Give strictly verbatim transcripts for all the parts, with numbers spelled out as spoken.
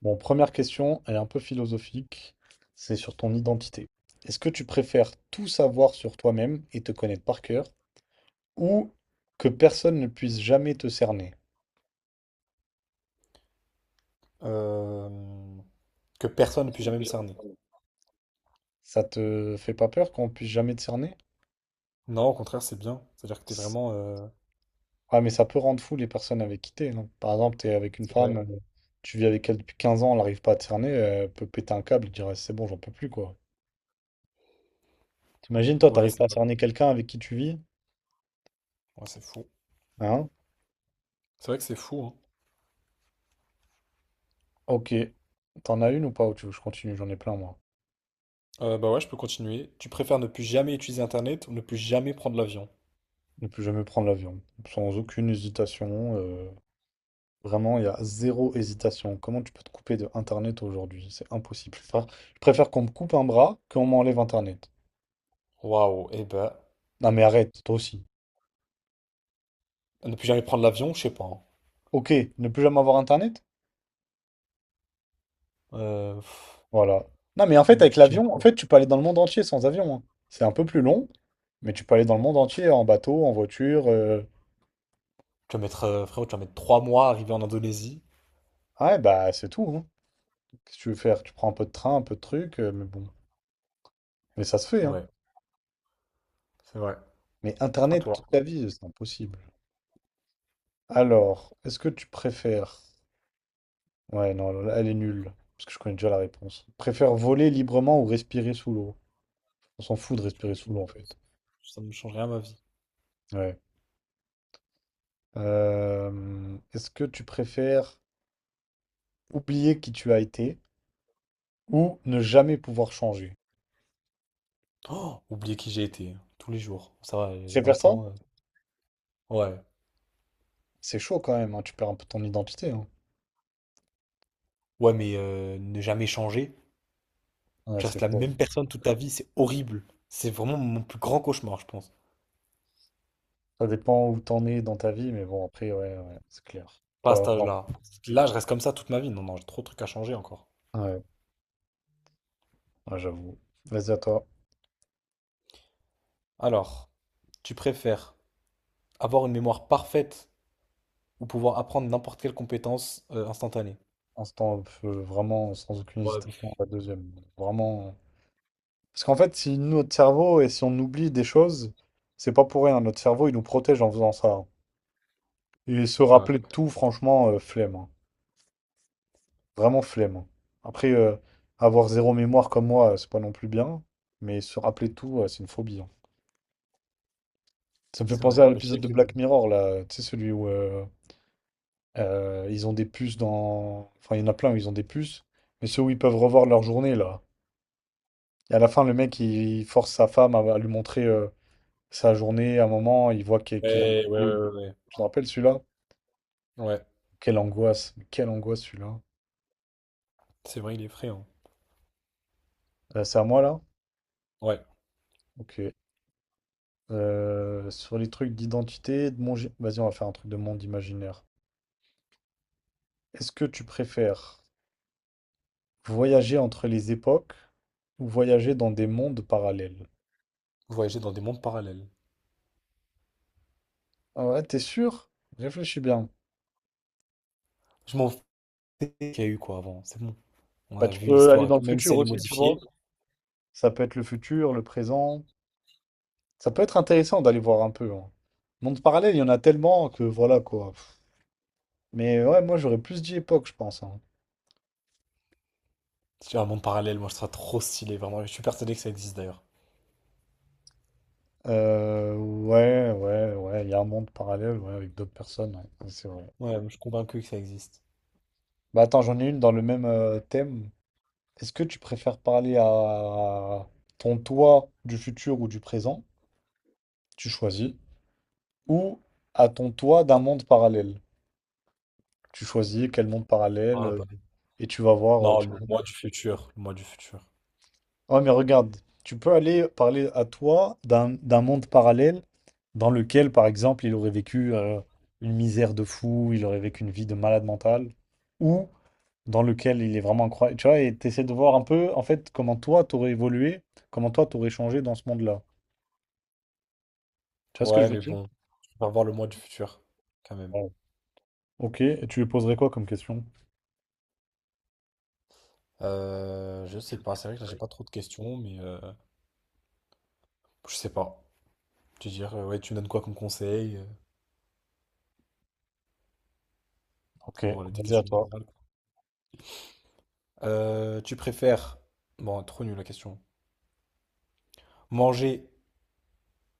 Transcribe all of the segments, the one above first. Bon, première question, elle est un peu philosophique, c'est sur ton identité. Est-ce que tu préfères tout savoir sur toi-même et te connaître par cœur, ou que personne ne puisse jamais te cerner? euh, que personne ne puisse Personne ne jamais peut me jamais le cerner. faire. Ça te fait pas peur qu'on puisse jamais te cerner? Non, au contraire, c'est bien. C'est-à-dire que t'es vraiment. euh, Ah, mais ça peut rendre fou les personnes avec qui t'es, non? Par exemple, t'es avec une C'est vrai. femme, euh, tu vis avec elle depuis quinze ans, elle n'arrive pas à te cerner, elle peut péter un câble et dire «Eh, c'est bon, j'en peux plus, quoi. T'imagines, toi, Ouais, t'arrives c'est pas à vrai. cerner quelqu'un avec qui tu vis? Ouais, c'est fou. Hein? C'est vrai que c'est fou, hein. Ok. T'en as une ou pas? Ou tu veux que je continue? J'en ai plein, moi. Euh, bah ouais, je peux continuer. Tu préfères ne plus jamais utiliser Internet ou ne plus jamais prendre l'avion? Ne plus jamais prendre l'avion. Sans aucune hésitation. euh, vraiment, il y a zéro hésitation. Comment tu peux te couper de Internet aujourd'hui? C'est impossible. Je préfère, je préfère qu'on me coupe un bras qu'on m'enlève Internet. Waouh, eh ben, Non mais arrête, toi aussi. ne plus jamais prendre l'avion, je sais pas, hein. Ok, ne plus jamais avoir Internet? Euh, pff, Voilà. Non mais en fait, avec tu, tu- l'avion, en fait, tu peux aller dans le monde entier sans avion, hein. C'est un peu plus long, mais tu peux aller dans le monde entier en bateau, en voiture. euh. Tu vas mettre, euh, frérot, tu vas mettre trois mois à arriver en Indonésie. Ah ouais, bah c'est tout, hein. Qu'est-ce que tu veux faire? Tu prends un peu de train, un peu de truc, euh, mais bon. Mais ça se fait, hein. Ouais, c'est vrai. Mais À Internet toi. toute ta vie, c'est impossible. Alors, est-ce que tu préfères... Ouais, non, elle est nulle, parce que je connais déjà la réponse. Préfère voler librement ou respirer sous l'eau? On s'en fout de Je respirer sous l'eau, continue. en fait. Ça ne change rien à ma vie. Ouais. Euh, est-ce que tu préfères oublier qui tu as été ou ne jamais pouvoir changer? Oh, oublier qui j'ai été, hein, tous les jours. Ça va, Tu j'ai préfères vingt ça? ans. euh. Ouais. C'est chaud quand même, hein, tu perds un peu ton identité, hein. Ouais, mais euh, ne jamais changer. Ouais, Tu c'est restes la chaud. même personne toute ta vie, c'est horrible. C'est vraiment mon plus grand cauchemar, je pense. Ça dépend où t'en es dans ta vie, mais bon, après, ouais, ouais, c'est clair. Pas à Pas cet grand. âge-là. Là, je reste comme ça toute ma vie. Non, non, j'ai trop de trucs à changer encore. Ouais, ouais, j'avoue. Vas-y à toi. Alors, tu préfères avoir une mémoire parfaite ou pouvoir apprendre n'importe quelle compétence euh, instantanée? Instant, pff, vraiment sans aucune Ouais, hésitation, la deuxième. Vraiment. euh, Parce qu'en fait, si notre cerveau et si on oublie des choses, c'est pas pour rien. Notre cerveau, il nous protège en faisant ça. Et se c'est vrai. rappeler de tout, franchement, euh, flemme, hein. Vraiment flemme, hein. Après, euh, avoir zéro mémoire comme moi, euh, c'est pas non plus bien. Mais se rappeler de tout, euh, c'est une phobie, hein. Ça me fait C'est penser vrai. à Mais tu l'épisode sais de que... Black Mirror, là. Tu sais, celui où euh, euh, ils ont des puces dans. Enfin, il y en a plein où ils ont des puces. Mais ceux où ils peuvent revoir leur journée, là. Et à la fin, le mec, il force sa femme à, à lui montrer euh, sa journée. À un moment, il voit qu'il qu'il a... Ouais, ouais, euh, ouais, ouais. Je te rappelle celui-là? Ouais. Ouais, Quelle angoisse. Quelle angoisse celui-là. c'est vrai, il est effrayant. Euh, c'est à moi là? Ouais, Ok. Euh, sur les trucs d'identité, de monde... Vas-y, on va faire un truc de monde imaginaire. Est-ce que tu préfères voyager entre les époques ou voyager dans des mondes parallèles? voyager dans des mondes parallèles. Ah ouais, t'es sûr? Réfléchis bien. Je m'en fous qu'il y a eu, quoi, avant. C'est bon. On Bah, a tu vu peux aller l'histoire et dans le tout, même si futur elle est aussi, tu vois. modifiée. Ça peut être le futur, le présent. Ça peut être intéressant d'aller voir un peu, hein. Monde parallèle, il y en a tellement que voilà quoi. Pff. Mais ouais, moi j'aurais plus dit époque, je pense, hein. C'est un monde parallèle, moi je serais trop stylé, vraiment. Je suis persuadé que ça existe d'ailleurs. Euh, ouais, ouais, ouais, il y a un monde parallèle ouais, avec d'autres personnes, ouais, ouais, c'est vrai. Ouais, je suis convaincu que ça existe. Bah attends, j'en ai une dans le même euh, thème. Est-ce que tu préfères parler à ton toi du futur ou du présent? Tu choisis. Ou à ton toi d'un monde parallèle? Tu choisis quel monde parallèle Ah euh, bah. et tu vas voir. euh, Non, tu... le mois du futur, le mois du futur. Ouais, mais regarde, tu peux aller parler à toi d'un d'un monde parallèle dans lequel, par exemple, il aurait vécu euh, une misère de fou, il aurait vécu une vie de malade mental, ou dans lequel il est vraiment incroyable. Tu vois, et t'essaies de voir un peu, en fait, comment toi, t'aurais évolué, comment toi, t'aurais changé dans ce monde-là. Tu vois ce que je Ouais, veux mais dire? bon, je préfère voir le mois du futur, quand même. Ouais. Ok, et tu lui poserais quoi comme question? Euh, je sais pas, c'est vrai que là j'ai pas trop de questions, mais euh, je sais pas. Tu veux dire, euh, ouais, tu me donnes quoi comme conseil? euh, Ok, Pour avoir des vas-y à questions toi. générales, quoi. Euh, tu préfères. Bon, trop nul la question. Manger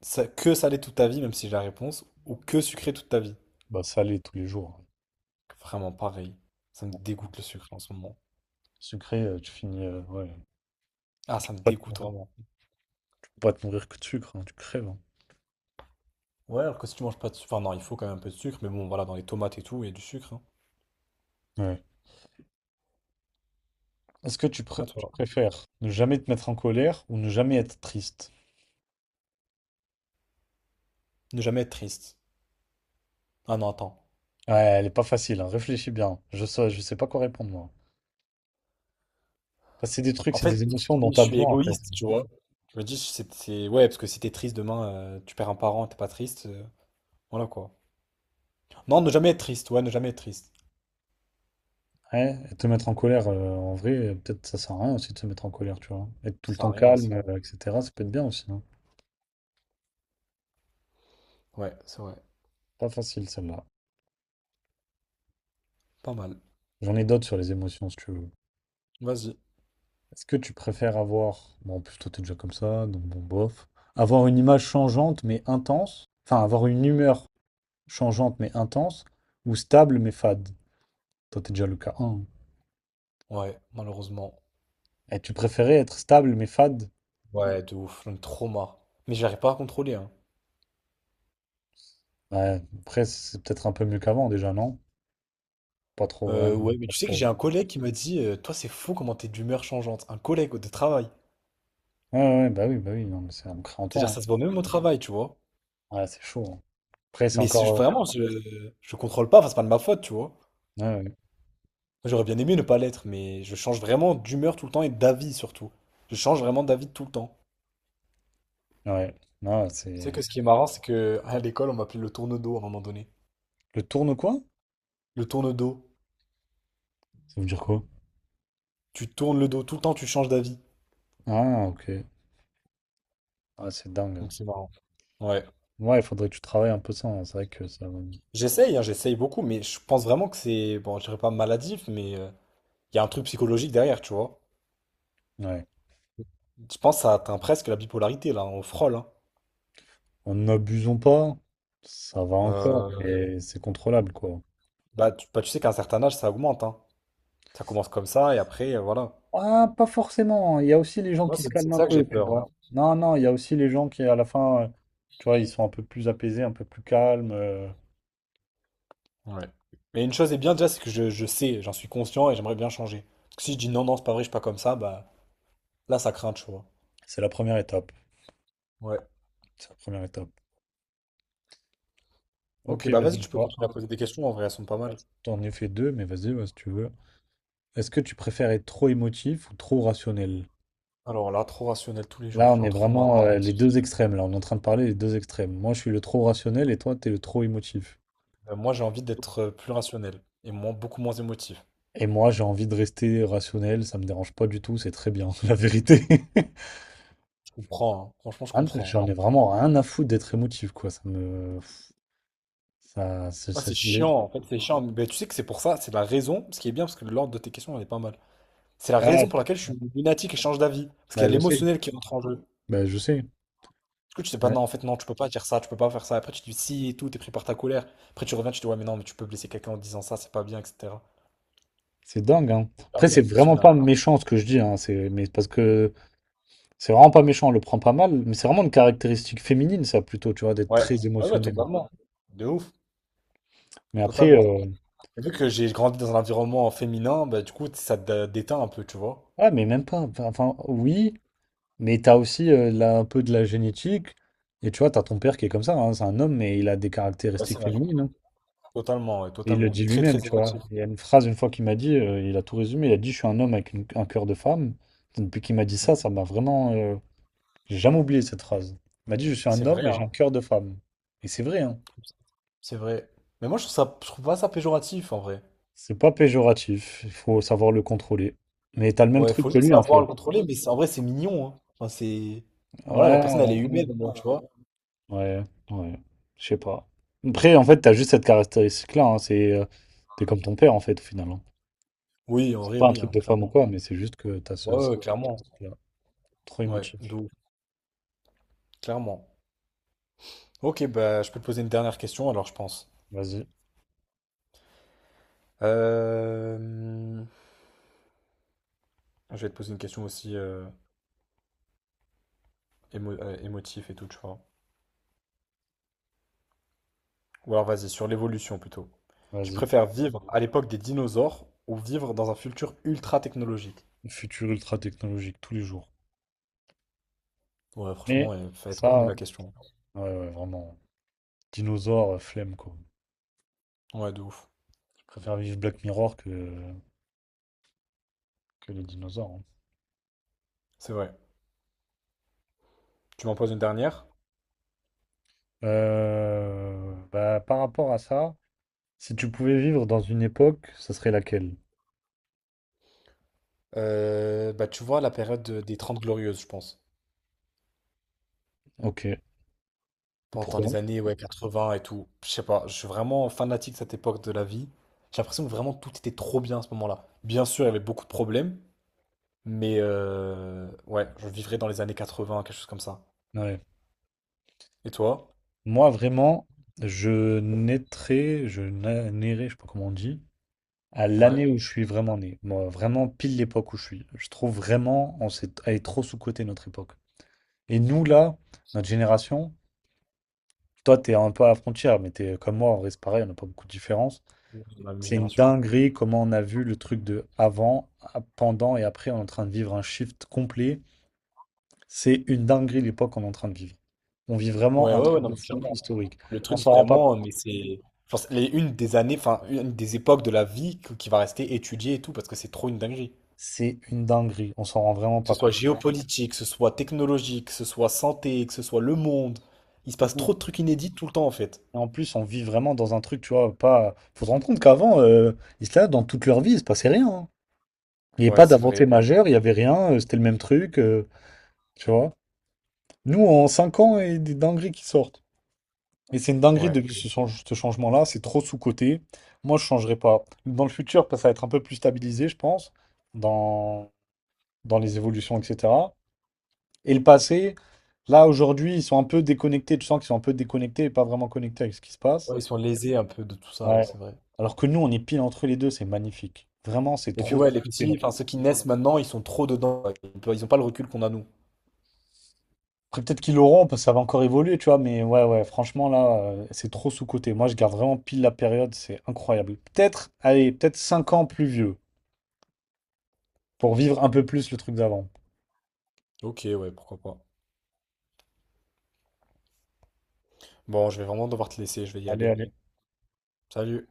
sa- que salé toute ta vie, même si j'ai la réponse, ou que sucré toute ta vie. Bah, salé tous les jours. Vraiment pareil. Ça me dégoûte le sucre en ce moment. Sucré, euh, tu finis. euh, ouais. Ah, ça me Pas te, dégoûte faut vraiment. pas te nourrir que de sucre, hein, tu crèves, hein. Ouais, alors que si tu manges pas de sucre, enfin non, il faut quand même un peu de sucre, mais bon, voilà, dans les tomates et tout, il y a du sucre, hein. Ouais. Est-ce que tu, pré- À tu toi. préfères ne jamais te mettre en colère ou ne jamais être triste? Ne jamais être triste. Ah non, attends. Ouais, elle est pas facile, hein, réfléchis bien. Je sais, je sais pas quoi répondre, moi. Parce que c'est des trucs, En c'est fait, des émotions dont si je t'as suis besoin, en fait. égoïste, tu vois. Je me dis, si c'est, c'est- ouais, parce que si t'es triste demain, euh, tu perds un parent, t'es pas triste. euh, Voilà quoi. Non, ne jamais être triste, ouais, ne jamais être triste. Ouais, et te mettre en colère, euh, en vrai, euh, peut-être ça sert à rien aussi de se mettre en colère, tu vois. Être tout Ça le sert à temps rien, ouais, c'est calme, euh, vrai. et cetera, ça peut être bien aussi, hein. Ouais, c'est vrai. Pas facile, celle-là. Pas mal. J'en ai d'autres sur les émotions, si tu veux. Vas-y. Est-ce que tu préfères avoir... Bon, en plus, toi, t'es déjà comme ça, donc bon, bof. Avoir une image changeante, mais intense. Enfin, avoir une humeur changeante mais intense, ou stable mais fade? Toi, t'es déjà le cas un. Ouais, malheureusement. Et tu préférais être stable mais fade? Ouais, de ouf, un trauma. Mais j'arrive pas à contrôler, hein. Ouais, après, c'est peut-être un peu mieux qu'avant déjà, non? Pas trop, ouais, Euh, ouais, mais pas tu sais que trop. j'ai un collègue qui m'a dit, euh, toi c'est fou comment t'es d'humeur changeante. Un collègue de travail. Ouais, ouais, ouais, bah oui, bah oui, non, mais c'est on crée en C'est-à-dire temps ça se voit même au travail, tu vois. hein. Ouais, c'est chaud, hein. Après, c'est Mais c'est- encore. vraiment, je, je contrôle pas, enfin c'est pas de ma faute, tu vois. Ouais, J'aurais bien aimé ne pas l'être, mais je change vraiment d'humeur tout le temps et d'avis surtout. Je change vraiment d'avis tout le temps. ouais, ouais. Non, Tu sais c'est. que ce qui est marrant, c'est que à l'école on m'appelait le tourne-dos à un moment donné. Le tourne quoi? Le tourne-dos. Ça veut dire quoi? Tu tournes le dos, tout le temps tu changes d'avis. Ah, ok. Ah, c'est dingue. Donc c'est marrant. Ouais. Ouais, il faudrait que tu travailles un peu ça, hein. C'est vrai que ça. va- J'essaye, hein, j'essaye beaucoup, mais je pense vraiment que c'est, bon, je dirais pas maladif, mais euh, il y a un truc psychologique derrière, tu vois. Ouais. Je pense que ça atteint presque la bipolarité, là, on frôle, hein. En n'abusons pas, ça va encore, Euh, mais c'est contrôlable, quoi. bah, tu, bah, tu sais qu'à un certain âge, ça augmente, hein. Ça commence comme ça, et après, euh, voilà. Ah, pas forcément. Il y a aussi les gens Moi, qui se c'est calment c'est un ça que j'ai peu, tu peur, vois. Non, non, il y a aussi les gens qui, à la fin, euh, tu vois, ils sont un peu plus apaisés, un peu plus calmes. euh, hein. Ouais. Mais une chose est bien déjà, c'est que je, je sais, j'en suis conscient, et j'aimerais bien changer. Parce que si je dis non, non, c'est pas vrai, je suis pas comme ça, bah, là, ça craint, tu vois. C'est la première étape. Ouais. C'est la première étape. Ok, Ok, bah vas-y, vas-y, tu peux toi. continuer à poser des questions, en vrai, elles sont pas mal. T'en ai fait deux, mais vas-y, ouais, si tu veux. Est-ce que tu préfères être trop émotif ou trop rationnel? Alors là, trop rationnel tous les Là, jours, on est j'aime trop marre. vraiment euh, les deux extrêmes. Là, on est en train de parler des deux extrêmes. Moi, je suis le trop rationnel et toi, t'es le trop émotif. Euh, moi, j'ai envie d'être euh, plus rationnel et moins, beaucoup moins émotif. Et moi, j'ai envie de rester rationnel. Ça me dérange pas du tout. C'est très bien, la vérité. Je comprends, hein. Franchement, je Ah, mais comprends. j'en ai vraiment rien à foutre d'être émotif, quoi. Ça me. Ça, ça, Ah, ça- c'est ça- chiant, en fait, c'est chiant. Mais ben, tu sais que c'est pour ça, c'est la raison, ce qui est bien, parce que l'ordre de tes questions, elle est pas mal. C'est la Ah, raison pour laquelle je suis lunatique et change d'avis. Parce qu'il bah, y a je sais. l'émotionnel qui rentre en jeu. Bah, je sais. Parce que tu sais pas, non, en fait, non, tu peux pas dire ça, tu peux pas faire ça. Après, tu dis si et tout, t'es pris par ta colère. Après, tu reviens, tu dis ouais, mais non, mais tu peux blesser quelqu'un en disant ça, c'est pas bien, et cetera. C'est dingue, hein. Ah Après, oui, c'est être vraiment rationnel. pas méchant ce que je dis, hein. C'est, mais parce que c'est vraiment pas méchant, on le prend pas mal. Mais c'est vraiment une caractéristique féminine, ça, plutôt, tu vois, d'être Ouais, très ouais, ouais, émotionnel. totalement. De ouf, Mais après, totalement. euh, Et vu que j'ai grandi dans un environnement féminin, bah, du coup, ça te déteint un peu, tu vois. ouais, mais même pas. Enfin, enfin, oui, mais t'as aussi euh, là, un peu de la génétique. Et tu vois, t'as ton père qui est comme ça, hein. C'est un homme, mais il a des Ouais, c'est caractéristiques vrai. féminines, hein. Totalement, ouais, Et il le totalement. dit Très, lui-même, très tu vois. émotif. Il y a une phrase une fois qu'il m'a dit, euh, il a tout résumé, il a dit, je suis un homme avec une- un cœur de femme. Depuis qu'il m'a dit Mmh. ça, ça m'a vraiment... euh, j'ai jamais oublié cette phrase. Il m'a dit, je suis un C'est homme vrai, et j'ai hein. un cœur de femme. Et c'est vrai, hein. C'est vrai. Mais moi, je trouve ça, je trouve pas ça péjoratif, en vrai. C'est pas péjoratif, il faut savoir le contrôler. Mais t'as le même Ouais, truc faut que juste lui, en savoir le fait. contrôler, mais c'est- en vrai, c'est mignon, hein. Enfin, c'est... enfin, Voilà, la personne, elle est Ouais, humaine, au moins, tu vois. euh, ouais, ouais. Je sais pas. Après, en fait, t'as juste cette caractéristique-là, hein, c'est... euh, T'es comme ton père, en fait, au final, hein. Oui, en vrai, Pas un oui, truc hein, de femme ou clairement. quoi, mais c'est juste que t'as Ouais, ce... ce ouais, clairement. truc-là. Trop Ouais, émotif. de ouf, clairement. Ok, bah, je peux te poser une dernière question, alors, je pense. Vas-y, Euh, Je vais te poser une question aussi euh, émo- euh, émotif et tout, tu vois. Ou alors vas-y, sur l'évolution plutôt. Tu vas-y. préfères vivre à l'époque des dinosaures ou vivre dans un futur ultra technologique? Le futur ultra technologique tous les jours. Ouais, Mais franchement, elle fait trop nulle ça, la question. ouais, ouais, vraiment. Dinosaures, euh, flemme quoi. Ouais, de ouf. Je préfère vivre Black Mirror que, que les dinosaures, hein. C'est vrai. Tu m'en poses une dernière? Euh, bah, par rapport à ça, si tu pouvais vivre dans une époque, ça serait laquelle? Euh, bah, tu vois, la période de- des Trente Glorieuses, je pense. Ok. Pendant les Pourquoi? années, ouais, quatre-vingts et tout. Je sais pas, je suis vraiment fanatique de cette époque de la vie. J'ai l'impression que vraiment tout était trop bien à ce moment-là. Bien sûr, il y avait beaucoup de problèmes, mais euh, ouais, je vivrais dans les années quatre-vingts, quelque chose comme ça. Ouais. Et toi? Moi, vraiment, je naîtrais, je na- nairais, je sais pas comment on dit, à Ouais. l'année où je suis vraiment né. Moi, vraiment pile l'époque où je suis. Je trouve vraiment, on s'est, elle est trop sous-cotée notre époque. Et nous, là, notre génération, toi, t'es un peu à la frontière, mais t'es comme moi, en vrai, c'est pareil, on n'a pas beaucoup de différence. On est de la même C'est une génération. dinguerie comment on a vu le truc de avant, à- pendant et après, on est en train de vivre un shift complet. C'est une dinguerie l'époque qu'on est en train de vivre. On vit vraiment Ouais, un ouais, ouais, truc non, de mais fou clairement. historique. Le On truc s'en rend pas vraiment, compte. mais c'est. Genre, c'est les- une des années, enfin, une des époques de la vie que- qui va rester étudiée et tout, parce que c'est trop une dinguerie. C'est une dinguerie. On s'en rend vraiment Que ce pas soit compte. géopolitique, que ce soit technologique, que ce soit santé, que ce soit le monde. Il se passe trop de trucs inédits tout le temps, en fait. Et en plus, on vit vraiment dans un truc, tu vois, pas. Faut se rendre compte qu'avant, euh, ils étaient là dans toute leur vie, il se passait rien, hein. Il n'y avait Ouais, pas c'est d'avancée vrai. majeure, il n'y avait rien, euh, c'était le même truc, euh, tu vois. Nous, en cinq ans, il y a des dingueries qui sortent. Et c'est une dinguerie Ouais. de ce, change- ce changement-là, c'est trop sous-coté. Moi, je ne changerai pas. Dans le futur, ça va être un peu plus stabilisé, je pense, dans, dans les évolutions, et cetera. Et le passé, là, aujourd'hui, ils sont un peu déconnectés. Tu sens qu'ils sont un peu déconnectés et pas vraiment connectés avec ce qui se Ouais, passe. ils sont lésés un peu de tout ça, ouais, Ouais. c'est vrai. Alors que nous, on est pile entre les deux, c'est magnifique. Vraiment, c'est Et puis, trop ouais, les sous-coté là. petits, enfin, ceux qui naissent maintenant, ils sont trop dedans. Ils n'ont pas le recul qu'on a, nous. Après, peut-être qu'ils l'auront, parce que ça va encore évoluer, tu vois, mais ouais, ouais, franchement, là, euh, c'est trop sous-coté. Moi, je garde vraiment pile la période, c'est incroyable. Peut-être, allez, peut-être cinq ans plus vieux. Pour vivre un peu plus le truc d'avant. Ok, ouais, pourquoi pas. Bon, je vais vraiment devoir te laisser, je vais y Allez, aller. allez. Salut.